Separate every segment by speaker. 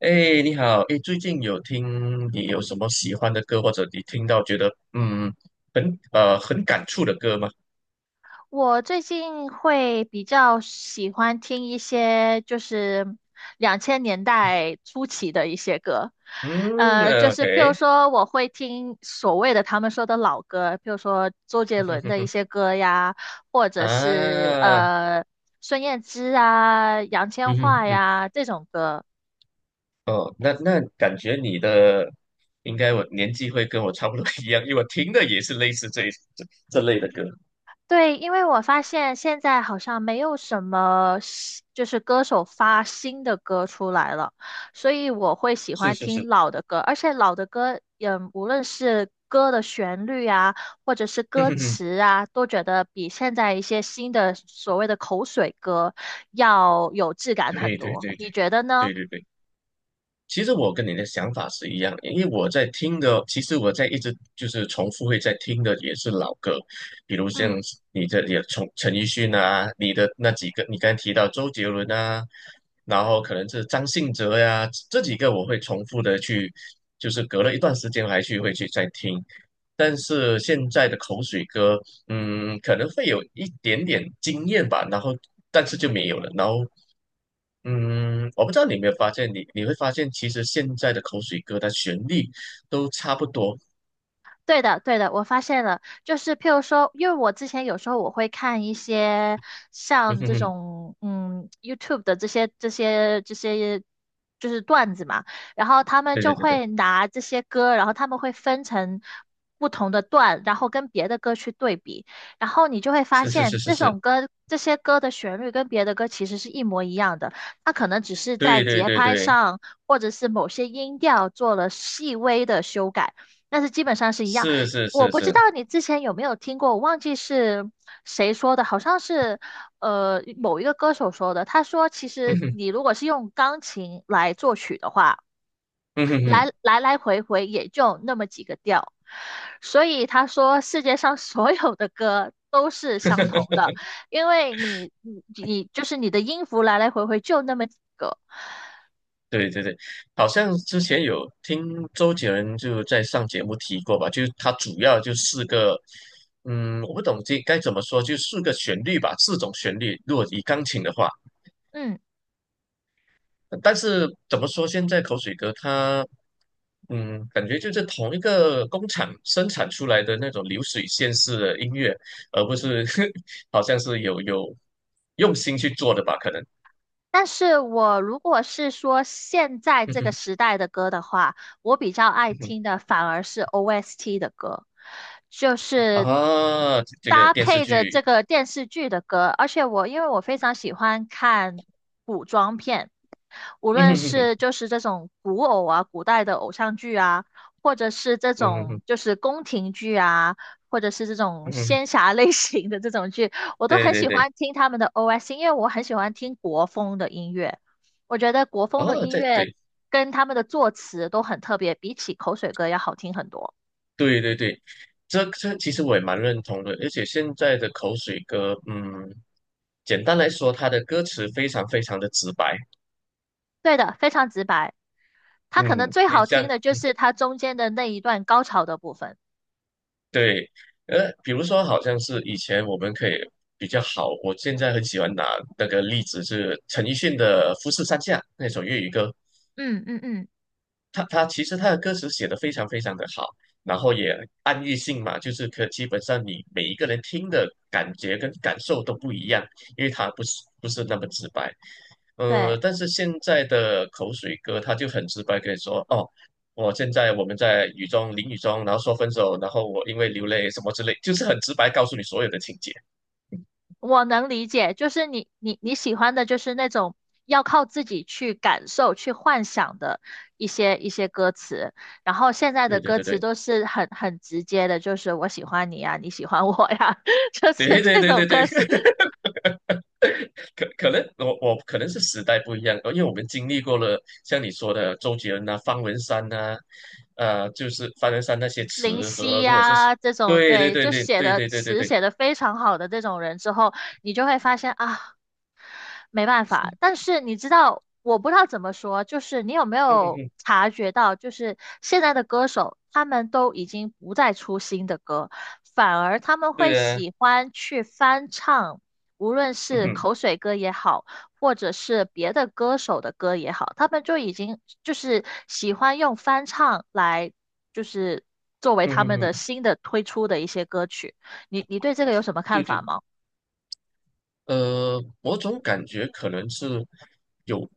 Speaker 1: 哎，你好，哎，最近有听你有什么喜欢的歌，或者你听到觉得很很感触的歌吗？
Speaker 2: 我最近会比较喜欢听一些就是2000年代初期的一些歌，
Speaker 1: 嗯
Speaker 2: 就
Speaker 1: o
Speaker 2: 是譬如
Speaker 1: k
Speaker 2: 说我会听所谓的他们说的老歌，譬如说周杰伦的一些 歌呀，或者是
Speaker 1: 啊，
Speaker 2: 孙燕姿啊、杨千
Speaker 1: 嗯哼
Speaker 2: 嬅
Speaker 1: 哼，
Speaker 2: 呀这种歌。
Speaker 1: 哦，那感觉你的应该我年纪会跟我差不多一样，因为我听的也是类似这这类的歌，
Speaker 2: 对，因为我发现现在好像没有什么新就是歌手发新的歌出来了，所以我会喜
Speaker 1: 是
Speaker 2: 欢
Speaker 1: 是
Speaker 2: 听
Speaker 1: 是，
Speaker 2: 老的歌，而且老的歌，嗯，无论是歌的旋律啊，或者是
Speaker 1: 嗯
Speaker 2: 歌
Speaker 1: 哼哼，
Speaker 2: 词啊，都觉得比现在一些新的所谓的口水歌要有质感很
Speaker 1: 对对
Speaker 2: 多。
Speaker 1: 对对
Speaker 2: 你觉得呢？
Speaker 1: 对对对。其实我跟你的想法是一样的，因为我在听的，其实我在一直就是重复会在听的也是老歌，比如像
Speaker 2: 嗯。
Speaker 1: 你的也从陈奕迅啊，你的那几个，你刚才提到周杰伦啊，然后可能是张信哲呀、这几个我会重复的去，就是隔了一段时间还去会去再听，但是现在的口水歌，嗯，可能会有一点点惊艳吧，然后但是就没有了，然后。我不知道你有没有发现，你会发现，其实现在的口水歌的旋律都差不多。
Speaker 2: 对的，对的，我发现了，就是譬如说，因为我之前有时候我会看一些
Speaker 1: 嗯
Speaker 2: 像
Speaker 1: 哼
Speaker 2: 这
Speaker 1: 哼，
Speaker 2: 种YouTube 的这些就是段子嘛，然后他们
Speaker 1: 对
Speaker 2: 就
Speaker 1: 对对对，
Speaker 2: 会拿这些歌，然后他们会分成不同的段，然后跟别的歌去对比，然后你就会发
Speaker 1: 是是
Speaker 2: 现
Speaker 1: 是是
Speaker 2: 这
Speaker 1: 是，
Speaker 2: 首歌这些歌的旋律跟别的歌其实是一模一样的，它可能只是在
Speaker 1: 对对
Speaker 2: 节
Speaker 1: 对
Speaker 2: 拍
Speaker 1: 对，
Speaker 2: 上或者是某些音调做了细微的修改。但是基本上是一样。
Speaker 1: 是是
Speaker 2: 我
Speaker 1: 是
Speaker 2: 不知
Speaker 1: 是，
Speaker 2: 道你之前有没有听过，我忘记是谁说的，好像是某一个歌手说的。他说，其
Speaker 1: 嗯
Speaker 2: 实
Speaker 1: 哼
Speaker 2: 你如果是用钢琴来作曲的话，
Speaker 1: 嗯哼
Speaker 2: 来
Speaker 1: 哼，
Speaker 2: 来来回回也就那么几个调，所以他说世界上所有的歌都是相同的，因为你就是你的音符来来回回就那么几个。
Speaker 1: 对对对，好像之前有听周杰伦就在上节目提过吧，就是他主要就四个，我不懂这该怎么说，就四个旋律吧，四种旋律，如果以钢琴的话。
Speaker 2: 嗯。
Speaker 1: 但是怎么说，现在口水歌它，感觉就是同一个工厂生产出来的那种流水线式的音乐，而不是 好像是有用心去做的吧？可能
Speaker 2: 但是我如果是说现在
Speaker 1: 嗯
Speaker 2: 这个
Speaker 1: 哼
Speaker 2: 时代的歌的话，我比较爱
Speaker 1: 嗯哼
Speaker 2: 听的反而是 OST 的歌，就 是
Speaker 1: 啊，这这个
Speaker 2: 搭
Speaker 1: 电视
Speaker 2: 配着这
Speaker 1: 剧，
Speaker 2: 个电视剧的歌。而且我因为我非常喜欢看古装片，无
Speaker 1: 嗯
Speaker 2: 论
Speaker 1: 哼哼哼，
Speaker 2: 是就是这种古偶啊、古代的偶像剧啊，或者是这
Speaker 1: 嗯哼嗯
Speaker 2: 种
Speaker 1: 哼，
Speaker 2: 就是宫廷剧啊，或者是这种
Speaker 1: 嗯哼
Speaker 2: 仙侠类型的这种剧，我都
Speaker 1: 对
Speaker 2: 很
Speaker 1: 对
Speaker 2: 喜
Speaker 1: 对，
Speaker 2: 欢听他们的 OS,因为我很喜欢听国风的音乐。我觉得国风的
Speaker 1: 哦，
Speaker 2: 音
Speaker 1: 这
Speaker 2: 乐
Speaker 1: 对，
Speaker 2: 跟他们的作词都很特别，比起口水歌要好听很多。
Speaker 1: 对对对对，这其实我也蛮认同的，而且现在的口水歌，简单来说，它的歌词非常非常的直白。
Speaker 2: 对的，非常直白。它可能
Speaker 1: 嗯，
Speaker 2: 最
Speaker 1: 你
Speaker 2: 好
Speaker 1: 这
Speaker 2: 听
Speaker 1: 样
Speaker 2: 的就是它中间的那一段高潮的部分。
Speaker 1: 对，比如说，好像是以前我们可以比较好，我现在很喜欢拿那个例子是陈奕迅的《富士山下》那首粤语歌，
Speaker 2: 嗯嗯嗯，
Speaker 1: 他其实他的歌词写的非常非常的好，然后也暗喻性嘛，就是可基本上你每一个人听的感觉跟感受都不一样，因为他不是不是那么直白。
Speaker 2: 对。
Speaker 1: 但是现在的口水歌，他就很直白跟你说，哦，我现在我们在雨中淋雨中，然后说分手，然后我因为流泪什么之类，就是很直白告诉你所有的情节。
Speaker 2: 我能理解，就是你喜欢的就是那种要靠自己去感受、去幻想的一些歌词，然后现在的
Speaker 1: 对对
Speaker 2: 歌
Speaker 1: 对
Speaker 2: 词
Speaker 1: 对
Speaker 2: 都是很很直接的，就是我喜欢你呀，你喜欢我呀，就
Speaker 1: 对
Speaker 2: 是
Speaker 1: 对
Speaker 2: 这
Speaker 1: 对
Speaker 2: 种
Speaker 1: 对对，
Speaker 2: 歌词，
Speaker 1: 可能我可能是时代不一样，因为我们经历过了像你说的周杰伦啊、方文山呐、就是方文山那些
Speaker 2: 林
Speaker 1: 词
Speaker 2: 夕
Speaker 1: 和，如果是
Speaker 2: 呀这种，
Speaker 1: 对对
Speaker 2: 对，
Speaker 1: 对
Speaker 2: 就
Speaker 1: 对
Speaker 2: 写
Speaker 1: 对
Speaker 2: 的
Speaker 1: 对对对
Speaker 2: 词
Speaker 1: 对，
Speaker 2: 写的非常好的这种人之后，你就会发现啊，没办法。但是你知道，我不知道怎么说，就是你有没
Speaker 1: 嗯哼
Speaker 2: 有
Speaker 1: 哼，
Speaker 2: 察觉到，就是现在的歌手他们都已经不再出新的歌，反而他们会
Speaker 1: 对啊，
Speaker 2: 喜欢去翻唱，无论
Speaker 1: 嗯
Speaker 2: 是
Speaker 1: 哼
Speaker 2: 口水歌也好，或者是别的歌手的歌也好，他们就已经就是喜欢用翻唱来，就是作为
Speaker 1: 嗯
Speaker 2: 他
Speaker 1: 哼
Speaker 2: 们的
Speaker 1: 哼，
Speaker 2: 新的推出的一些歌曲。你你对这个有什么
Speaker 1: 对
Speaker 2: 看
Speaker 1: 对
Speaker 2: 法
Speaker 1: 对。
Speaker 2: 吗？
Speaker 1: 我总感觉可能是有，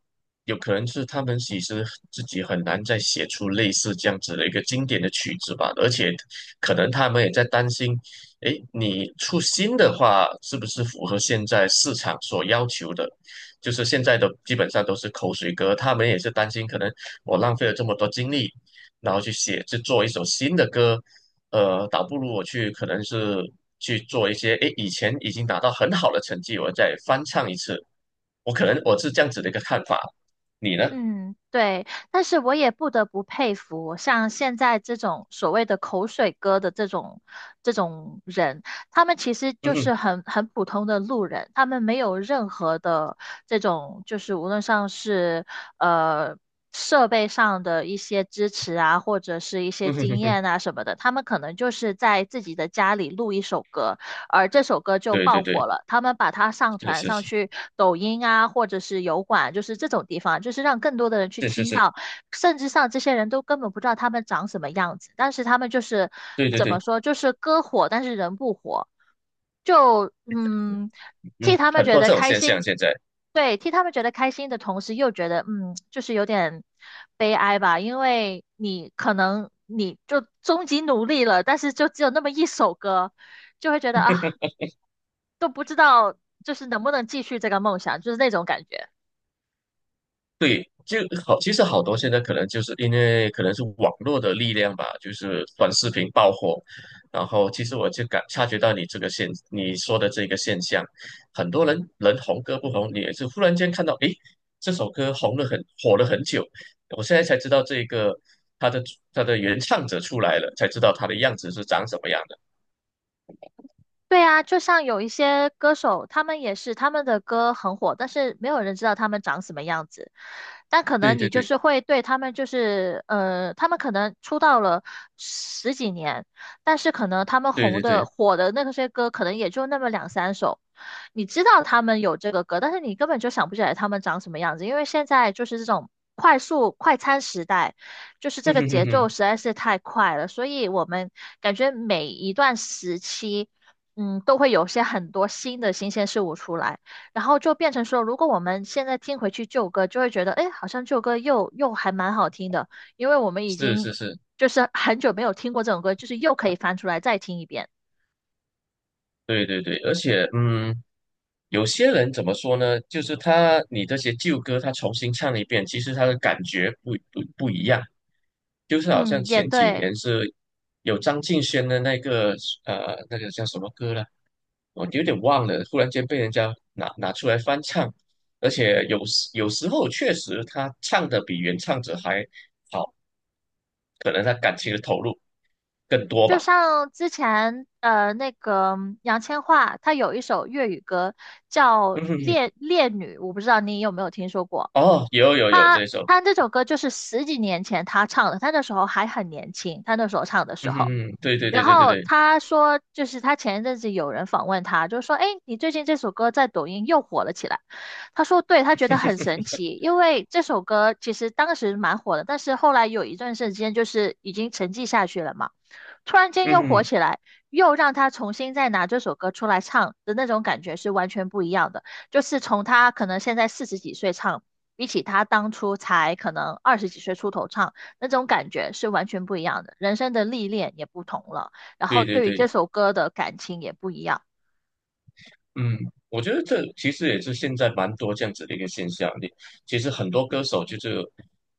Speaker 1: 有可能是他们其实自己很难再写出类似这样子的一个经典的曲子吧，而且可能他们也在担心，诶，你出新的话是不是符合现在市场所要求的？就是现在的基本上都是口水歌，他们也是担心，可能我浪费了这么多精力，然后去写去做一首新的歌，倒不如我去可能是去做一些，诶，以前已经达到很好的成绩，我再翻唱一次，我可能我是这样子的一个看法，你呢？
Speaker 2: 嗯，对，但是我也不得不佩服，像现在这种所谓的口水歌的这种人，他们其实
Speaker 1: 嗯
Speaker 2: 就
Speaker 1: 哼，
Speaker 2: 是很很普通的路人，他们没有任何的这种，就是无论上是呃设备上的一些支持啊，或者是一些
Speaker 1: 嗯哼
Speaker 2: 经
Speaker 1: 哼哼，
Speaker 2: 验啊什么的，他们可能就是在自己的家里录一首歌，而这首歌就
Speaker 1: 对对
Speaker 2: 爆火
Speaker 1: 对，
Speaker 2: 了。他们把它上
Speaker 1: 是
Speaker 2: 传
Speaker 1: 是
Speaker 2: 上
Speaker 1: 是
Speaker 2: 去抖音啊，或者是油管，就是这种地方，就是让更多的人去
Speaker 1: 是是
Speaker 2: 听
Speaker 1: 是，
Speaker 2: 到。甚至上这些人都根本不知道他们长什么样子，但是他们就是
Speaker 1: 对对
Speaker 2: 怎么
Speaker 1: 对，
Speaker 2: 说，就是歌火，但是人不火。就嗯，替
Speaker 1: 嗯，
Speaker 2: 他们
Speaker 1: 很
Speaker 2: 觉
Speaker 1: 多
Speaker 2: 得
Speaker 1: 这种
Speaker 2: 开
Speaker 1: 现象
Speaker 2: 心，
Speaker 1: 现在。
Speaker 2: 对，替他们觉得开心的同时，又觉得嗯，就是有点悲哀吧，因为你可能你就终极努力了，但是就只有那么一首歌，就会觉得啊，都不知道就是能不能继续这个梦想，就是那种感觉。
Speaker 1: 对，就好，其实好多现在可能就是因为可能是网络的力量吧，就是短视频爆火，然后其实我就感察觉到你这个现你说的这个现象，很多人人红歌不红，你也是忽然间看到，诶，这首歌红了很火了很久，我现在才知道这个它的它的原唱者出来了，才知道他的样子是长什么样的。
Speaker 2: 对啊，就像有一些歌手，他们也是他们的歌很火，但是没有人知道他们长什么样子。但可
Speaker 1: 对
Speaker 2: 能你
Speaker 1: 对
Speaker 2: 就
Speaker 1: 对
Speaker 2: 是会对他们，就是他们可能出道了十几年，但是可能他们
Speaker 1: 对
Speaker 2: 红
Speaker 1: 对对，
Speaker 2: 的火的那些歌，可能也就那么2,3首。你知道他们有这个歌，但是你根本就想不起来他们长什么样子，因为现在就是这种快速快餐时代。就是这
Speaker 1: 嗯
Speaker 2: 个
Speaker 1: 哼哼
Speaker 2: 节奏
Speaker 1: 哼，
Speaker 2: 实在是太快了，所以我们感觉每一段时期嗯，都会有些很多新的新鲜事物出来，然后就变成说，如果我们现在听回去旧歌，就会觉得，哎，好像旧歌又还蛮好听的，因为我们已
Speaker 1: 是
Speaker 2: 经
Speaker 1: 是是，
Speaker 2: 就是很久没有听过这种歌，就是又可以翻出来再听一遍。
Speaker 1: 对对对，而且嗯。有些人怎么说呢？就是他你这些旧歌，他重新唱一遍，其实他的感觉不一样。就是好像
Speaker 2: 嗯，也
Speaker 1: 前几
Speaker 2: 对，
Speaker 1: 年是有张敬轩的那个那个叫什么歌了，我有点忘了，忽然间被人家拿出来翻唱，而且有时候确实他唱的比原唱者还好，可能他感情的投入更多
Speaker 2: 就
Speaker 1: 吧。
Speaker 2: 像之前那个杨千嬅，她有一首粤语歌叫
Speaker 1: 嗯哼哼，
Speaker 2: 《烈烈女》，我不知道你有没有听说过。
Speaker 1: 哦，有有有这一首，
Speaker 2: 她这首歌就是10几年前她唱的，她那时候还很年轻，她那时候唱的时
Speaker 1: 嗯哼
Speaker 2: 候。
Speaker 1: 哼，对对
Speaker 2: 然
Speaker 1: 对对对
Speaker 2: 后
Speaker 1: 对，
Speaker 2: 他说，就是他前一阵子有人访问他，就说：“哎，你最近这首歌在抖音又火了起来。”他说：“对，他觉得很神奇，因为这首歌其实当时蛮火的，但是后来有一段时间就是已经沉寂下去了嘛。突然间
Speaker 1: 嗯
Speaker 2: 又火
Speaker 1: 哼，
Speaker 2: 起来，又让他重新再拿这首歌出来唱的那种感觉是完全不一样的。就是从他可能现在40几岁唱，比起他当初才可能20几岁出头唱，那种感觉是完全不一样的。人生的历练也不同了，然后
Speaker 1: 对对
Speaker 2: 对于这
Speaker 1: 对。
Speaker 2: 首歌的感情也不一样。
Speaker 1: 嗯，我觉得这其实也是现在蛮多这样子的一个现象。你其实很多歌手就是，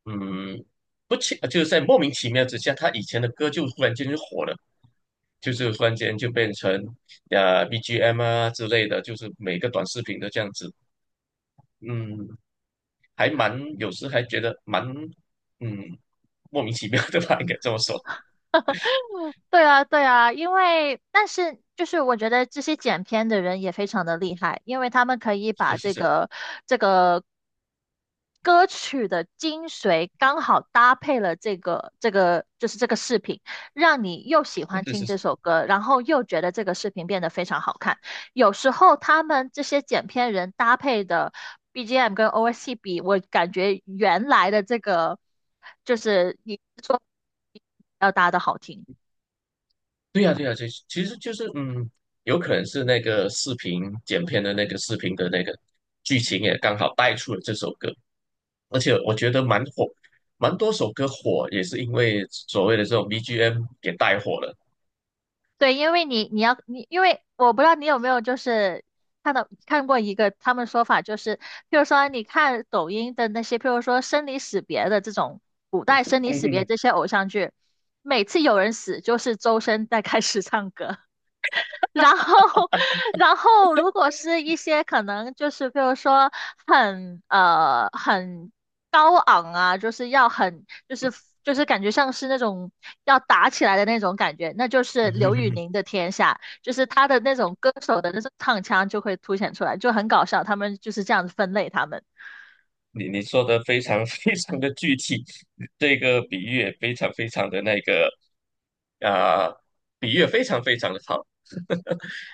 Speaker 1: 嗯，不清，就是在莫名其妙之下，他以前的歌就忽然间就火了，就是忽然间就变成BGM 啊之类的，就是每个短视频都这样子。嗯，还蛮有时还觉得蛮嗯莫名其妙的吧，应该这么说。
Speaker 2: 对啊，对啊，因为但是就是我觉得这些剪片的人也非常的厉害，因为他们可以
Speaker 1: 是
Speaker 2: 把
Speaker 1: 是
Speaker 2: 这
Speaker 1: 是
Speaker 2: 个这个歌曲的精髓刚好搭配了这个就是这个视频，让你又喜欢
Speaker 1: 是
Speaker 2: 听
Speaker 1: 是
Speaker 2: 这
Speaker 1: 是。
Speaker 2: 首歌，然后又觉得这个视频变得非常好看。有时候他们这些剪片人搭配的 BGM 跟 OST 比，我感觉原来的这个就是你说要搭的好听。
Speaker 1: 对呀，对呀，其其实就是嗯，有可能是那个视频剪片的那个视频的那个剧情也刚好带出了这首歌，而且我觉得蛮火，蛮多首歌火也是因为所谓的这种 BGM 给带火了。
Speaker 2: 对，因为你你要你，因为我不知道你有没有就是看过一个他们说法，就是譬如说你看抖音的那些，譬如说生离死别的这种古代生离
Speaker 1: 嗯
Speaker 2: 死别
Speaker 1: 哼
Speaker 2: 这些偶像剧，每次有人死就是周深在开始唱歌。然后，然后如果是一些可能就是比如说很高昂啊，就是要很就是就是感觉像是那种要打起来的那种感觉，那就是刘宇
Speaker 1: 哼，
Speaker 2: 宁 的天下，就是他的那种歌手的那种唱腔就会凸显出来，就很搞笑。他们就是这样子分类他们。
Speaker 1: 你你说的非常 非常的具体，这个比喻也非常非常的那个，啊、比喻也非常非常的好。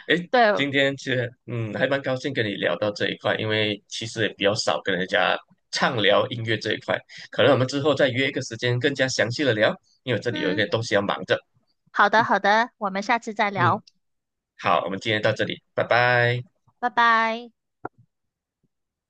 Speaker 1: 诶，
Speaker 2: 对，
Speaker 1: 今天其实还蛮高兴跟你聊到这一块，因为其实也比较少跟人家畅聊音乐这一块，可能我们之后再约一个时间更加详细的聊，因为我这里有一个
Speaker 2: 嗯，
Speaker 1: 东西要忙着。
Speaker 2: 好的好的，我们下次再
Speaker 1: 嗯，
Speaker 2: 聊，
Speaker 1: 好，我们今天到这里，拜拜。
Speaker 2: 拜拜。